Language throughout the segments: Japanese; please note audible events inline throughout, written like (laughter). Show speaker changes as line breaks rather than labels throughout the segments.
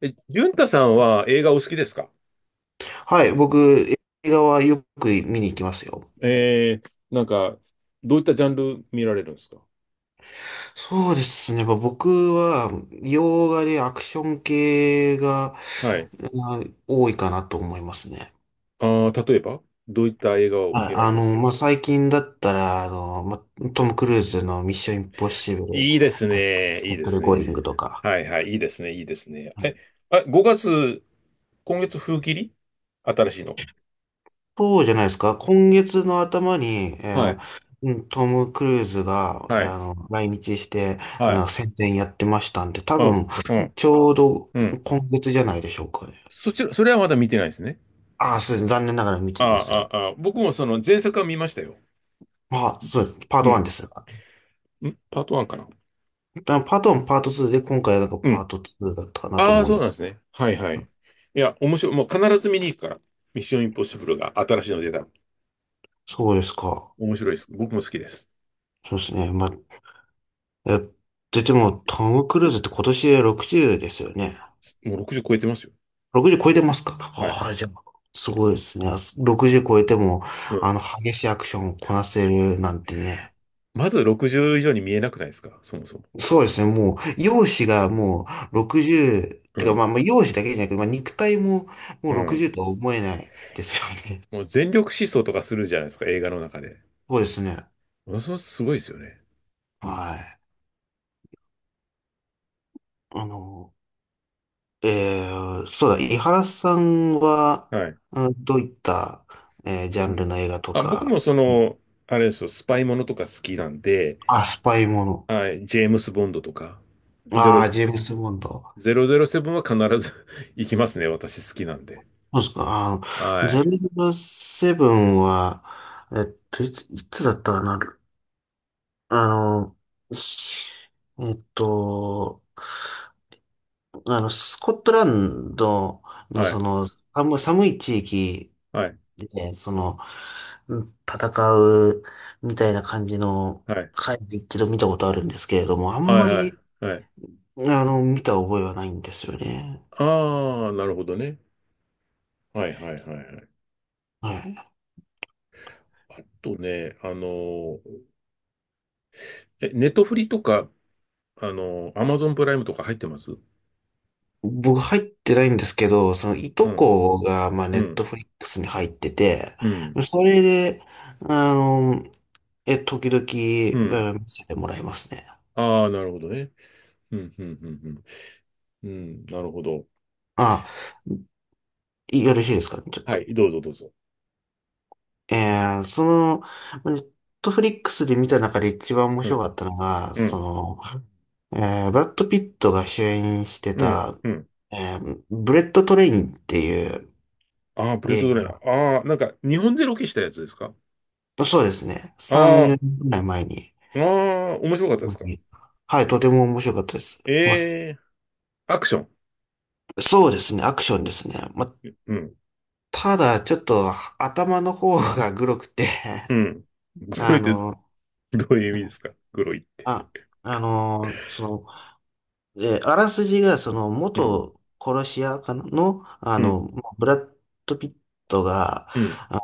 え、淳太さんは映画お好きですか？
はい、僕、映画はよく見に行きますよ。
えー、なんか、どういったジャンル見られるんですか？
そうですね。まあ僕は、洋画でアクション系が、
はい。
あ多いかなと思いますね。
ああ、例えば、どういった映画を
はい。
見られますか？
まあ、最近だったら、まあ、トム・クルーズのミッション・インポッシブル、
いいです
デ
ね。いい
ッ
で
ドレ
す
ゴーリン
ね。
グとか。
はいはい。いいですね。いいですね。え、あ、5月、今月風切り新しいのが。
そうじゃないですか。今月の頭に、
は
ー
い。
うんトム・クルーズが、
はい。
来日して、
はい。
宣伝やってましたんで、多
あ、
分、
うん。
ちょうど
うん。
今月じゃないでしょうかね。
そちら、それはまだ見てないですね。
ああ、そうです。残念ながら見
あ
ていません。
ああ、僕もその前作は見ましたよ。
まあ、そうです。パー
う
ト
ん。
1ですが。
んパート1かな。
パート1、パート2で、今回はなんか
う
パー
ん。
ト2だったかなと
ああ、
思うん
そう
で
な
す。
んですね。はいはい。いや、面白い。もう必ず見に行くから。ミッションインポッシブルが新しいの出たら。
そうですか。
面白いです。僕も好きです。
そうですね。まあ、え、でも、トム・クルーズって今年で60ですよね。
もう60超えてますよ。
60超えてますか？
はい。
ああ、じゃあ、すごいですね。60超えても、
うん。
激しいアクションをこなせるなんてね。
まず60以上に見えなくないですか、そもそも？
そうですね。もう、容姿がもう60、
う
てか、
ん。
まあ、容姿だけじゃなくて、まあ、肉体もも
う
う
ん。
60とは思えないですよね。
もう全力疾走とかするじゃないですか、映画の中で。
そうですね。
ものすごいすごいですよね。
はい。あの、えそうだ、
う
井
ん。
原さんは、
はい。
うんどういった、ジャ
う
ンル
ん。
の映画と
あ、僕も
か
そ
に、
の、あれですよ、スパイものとか好きなんで、
あ、スパイもの。
はい、ジェームス・ボンドとか、ゼ
あ
ロ
あ、ジェームス・ボンド。
007は必ず (laughs) 行きますね、私好きなんで。
そうですか。
は
ゼ
い。
ロセブンは、いつだったかな。あの、しえっと、スコットランドの
は
そ
い、
の、寒い地域
はい、
で、その、うん戦うみたいな感じの
はい、
回で一度見たことあるんですけれども、あん
はい、
ま
はい、
り、
はい。
見た覚えはないんですよね。
ああ、なるほどね。はい、はい、はい、はい。
はい。
あとね、あのー、え、ネットフリとか、あのー、アマゾンプライムとか入ってます？
僕入ってないんですけど、そのい
う
と
ん、
こが、まあ、ネ
う
ット
ん、
フリックスに入ってて、
うん、
それで、あの、時々、
うん。
うん見せてもらいますね。
ああ、なるほどね。うん、うん、うん、うん。うん、なるほど。
あ、よろしいですかね、ちょっ
は
と。
い、どうぞ、どうぞ。
その、ネットフリックスで見た中で一番面
う
白
ん、
かったのが、
う
そ
ん、
の、ブラッド・ピットが主演して
うん、
た、
うん。
ブレット・トレインっていう
ああ、プレー
映
トドライヤ
画。
ー。ああ、なんか、日本でロケしたやつですか？
そうですね。3、
あ
4年くらい前に。
あ、ああ、面白かったで
う
す
ん、
か？
はい、とても面白かったです。まあ、
ええーアクション。
そうですね、アクションですね。まあ、
うん。
ただ、ちょっと頭の方がグロくて
うん。
(laughs)
黒
あ
いって
の、
どういう意味ですか、黒いって？
あ、その、あらすじが、その、
うん。
元殺し屋かなの、
うん。
ブラッド・ピットが、
うん。
あ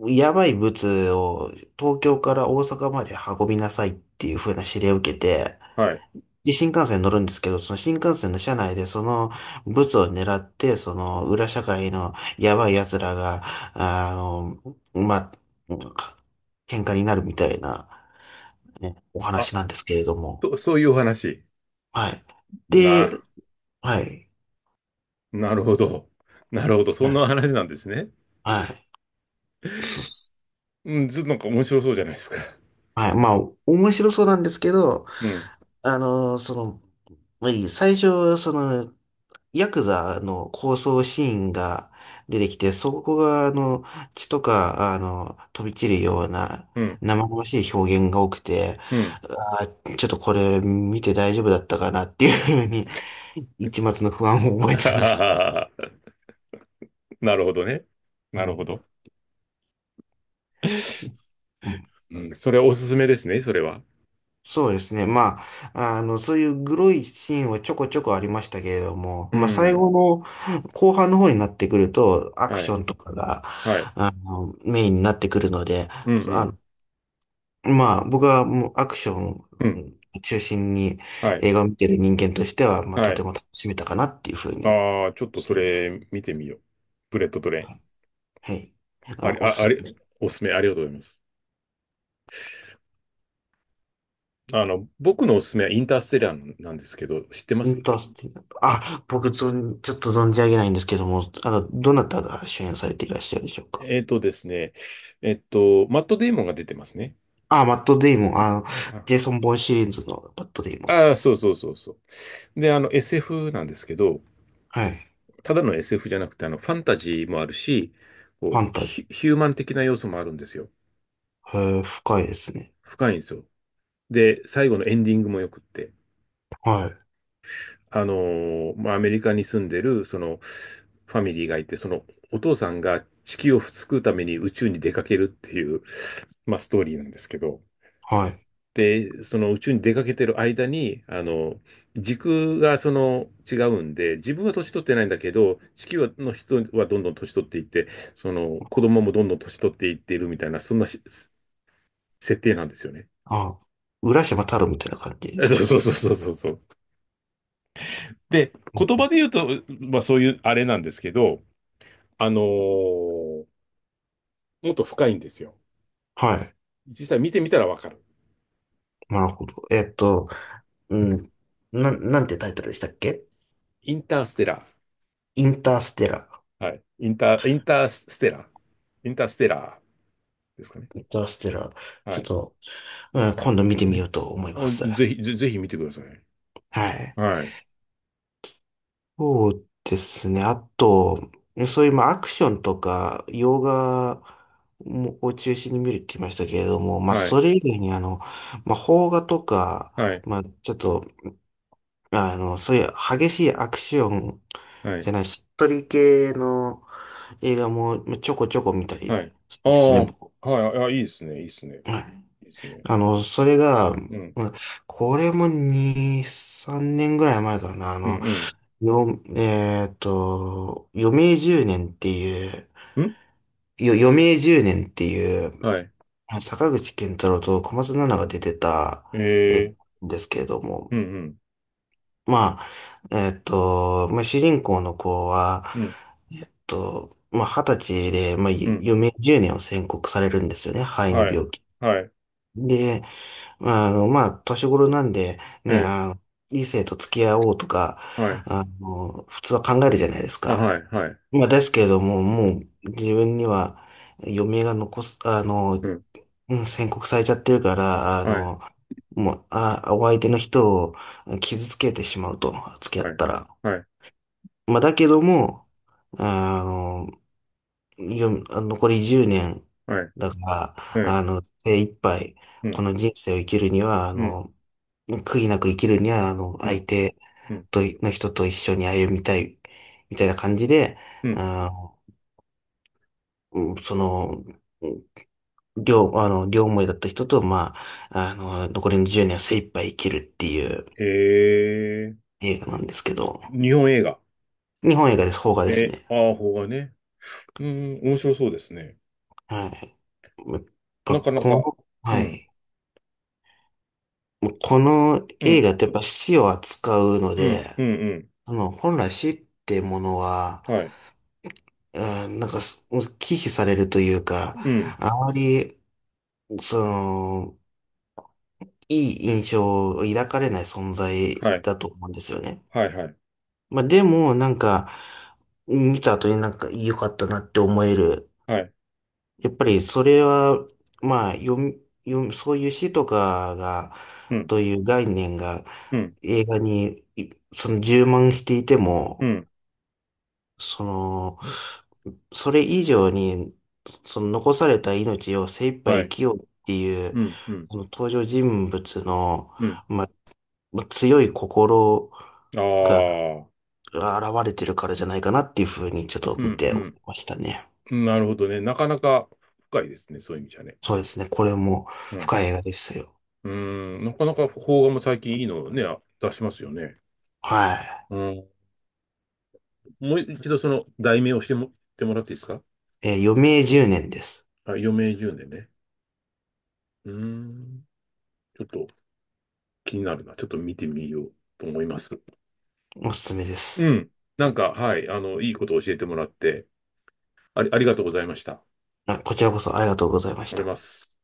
やばい物を東京から大阪まで運びなさいっていう風な指令を受けて、
はい。
で、新幹線に乗るんですけど、その新幹線の車内でそのブツを狙って、その裏社会のやばい奴らが、あの、まあ、喧嘩になるみたいな、ね、お
あ、
話なんですけれども。
と、そういうお話。
はい。
な、
で、はい。
なるほど。なるほど。そ
は
んな
い。
話なんですね。
はい。そ
うん。ずっとなんか面白そうじゃないですか。
はい。まあ、面白そうなんですけど、
うん。
その、まあ最初、その、ヤクザの抗争シーンが出てきて、そこが、血とか、飛び散るような、
うん。
生々しい表現が多くて、
うん。
ちょっとこれ見て大丈夫だったかなっていうふうに、一抹の不安を
(laughs)
覚
あ
え
は
たんで
はは
す。
は。なるほどね。
う
なるほ
ん。
ど。
うん
うん。それはおすすめですね、それは。
そうですね。まあ、そういうグロいシーンはちょこちょこありましたけれども、
う
まあ、最
ん。
後の後半の方になってくると、アク
は
シ
い。
ョンとかが、
はい。
メインになってくるので、
うんう
そあ
ん。
の、まあ、僕はもうアクション
うん。
中心に
はい。
映画を見てる人間としては、まあ、
は
とて
い。
も楽しめたかなっていうふうに、
ああ、ちょっと
そ
そ
うですね。
れ見てみよう。ブレッドトレイ
はい。
ン。
はい
あり、
お
あ、あ
すす
り、
め。
おすすめありがとうございます。あの、僕のおすすめはインターステラーなんですけど、知ってま
イ
す？
ンタースティあ、僕、ちょっと存じ上げないんですけども、どなたが主演されていらっしゃるでしょうか？
えっとですね、えっと、マット・デイモンが出てますね。
あ、マットデイモン、
あ
ジェイソン・ボーンシリーズのマットデイモンで
あ
す
ー、そ
ね。
うそうそうそう。で、あの、SF なんですけど、
はい。
ただの SF じゃなくて、あの、ファンタジーもあるし、こう、
ファンタジ
ヒ、ヒューマン的な要素もあるんですよ。
ー。へー、深いですね。
深いんですよ。で、最後のエンディングもよくって、
はい。
まあ、アメリカに住んでる、その、ファミリーがいて、その、お父さんが地球を救うために宇宙に出かけるっていう、まあ、ストーリーなんですけど、
はい。
で、その宇宙に出かけてる間に、あの、時空がその違うんで、自分は年取ってないんだけど、地球の人はどんどん年取っていって、その子供もどんどん年取っていっているみたいな、そんなし設定なんですよね。
あ、浦島太郎みたいな感じ
(laughs)
で
あ
す
そう
か？
そうそうそうそうそう。で、
う
言葉
ん
で言うと、まあそういうあれなんですけど、あのーもっと深いんですよ。
はい。
実際見てみたらわかる。
なるほど。うん。なんてタイトルでしたっけ？
インターステラ
インターステラ
ー。はい。インター、インターステラー。インターステラーですかね。
ー。インターステラー。
は
ちょっ
い。
と、うん、今度見てみようと思いま
あ
す。
ぜひ、ぜ、ぜひ見てください。
はい。
はい。
そうですね。あと、そういうまあアクションとか、洋画もを中心に見るって言いましたけれども、まあ
はい。
それ以外にあの、まあ邦画とか、
はい。
まあちょっと、そういう激しいアクション
は
じ
い。
ゃない、しっとり系の映画もまあちょこちょこ見た
はい。
りする
あ
ん
あ、
ですね、僕。
はい。あ、いいですね。いいですね。
はい。
いいですね。
それが、
うん。
これも2、3年ぐらい前かな。あ
う
の、
ん。
よ、えーっと、余命十年っていう、
うん。ん
余命十年っていう、
はい。
坂口健太郎と小松菜奈が出てた映画
ええ
なんですけれども、
うん。
まあ、まあ、主人公の子は、
うん。うん。
まあ、二十歳で、まあ、
うん。
余命十年を宣告されるんですよね、肺の
はい。
病気。
はい。
で、まあ、まあ、年頃なんで、ね、
ええ
異性と付き合おうとか、
はい。
普通は考えるじゃないです
あ、
か。
はい。はい。
まあ、ですけれども、もう自分には余命が残す、
うん。
宣告されちゃってるから、
はい。
もう、お相手の人を傷つけてしまうと、付き合
は
っ
い。
たら。
はい。
まあ、だけども、あの、残り10年
は
だか
い。
ら、
ええ
精一杯、
う
こ
ん。
の人生を生きるには、
うん。
悔いなく生きるには、
う
相
ん。
手
うん。
と、の人と一緒に歩みたい、みたいな感じで、
うん。
あの、うんその、両、あの、両思いだった人と、まあ、残りの10年は精一杯生きるっていう
ええ
映画なんですけど、
日本映画。
日本映画です、邦画です
え
ね。
ー、ああ、邦画ね。うん。面白そうですね。
はい。やっぱ、
なかな
この、
か。う
は
ん。
い。もう
す
この
う
映
ん。
画ってやっぱ死を扱うの
うん、
で、
うん、
本来死ってものは、
うん。はい。
なんか、もう忌避されるというか、
うん。
あまり、その、いい印象を抱かれない存在
はい。
だと思うんですよね。
はい、はい。
まあでも、なんか、見た後になんか良かったなって思える。
はい。
やっぱりそれは、まあ、読み、読み、そういう詩とかが、
うん、
という概念が
うん、
映画にその充満していて
う
も、
ん。
その、それ以上に、その残された命を精一杯
は
生
い。
きようっていう、
うん、うん、
この登場人物の、
うん。
まあ、まあ、強い心
あ
が、
あ。
現れてるからじゃないかなっていうふうにちょっと
う
見
ん、
て
う
ましたね。
ん。なるほどね。なかなか深いですね。そういう意味じゃね。
そうですね。これも
うん。
深い映画ですよ。
うーん。なかなか邦画も最近いいのをね、あ出しますよね。
は
うん。もう一度その題名をしても、ってもらっていいですか？
い。余命10年です。
あ、余命10年ねんね。うーん。ちょっと気になるな。ちょっと見てみようと思います。
おすすめで
う
す。
ん。なんか、はい。あの、いいことを教えてもらって、ありありがとうございました。
こちらこそありがとうございまし
おり
た。
ます。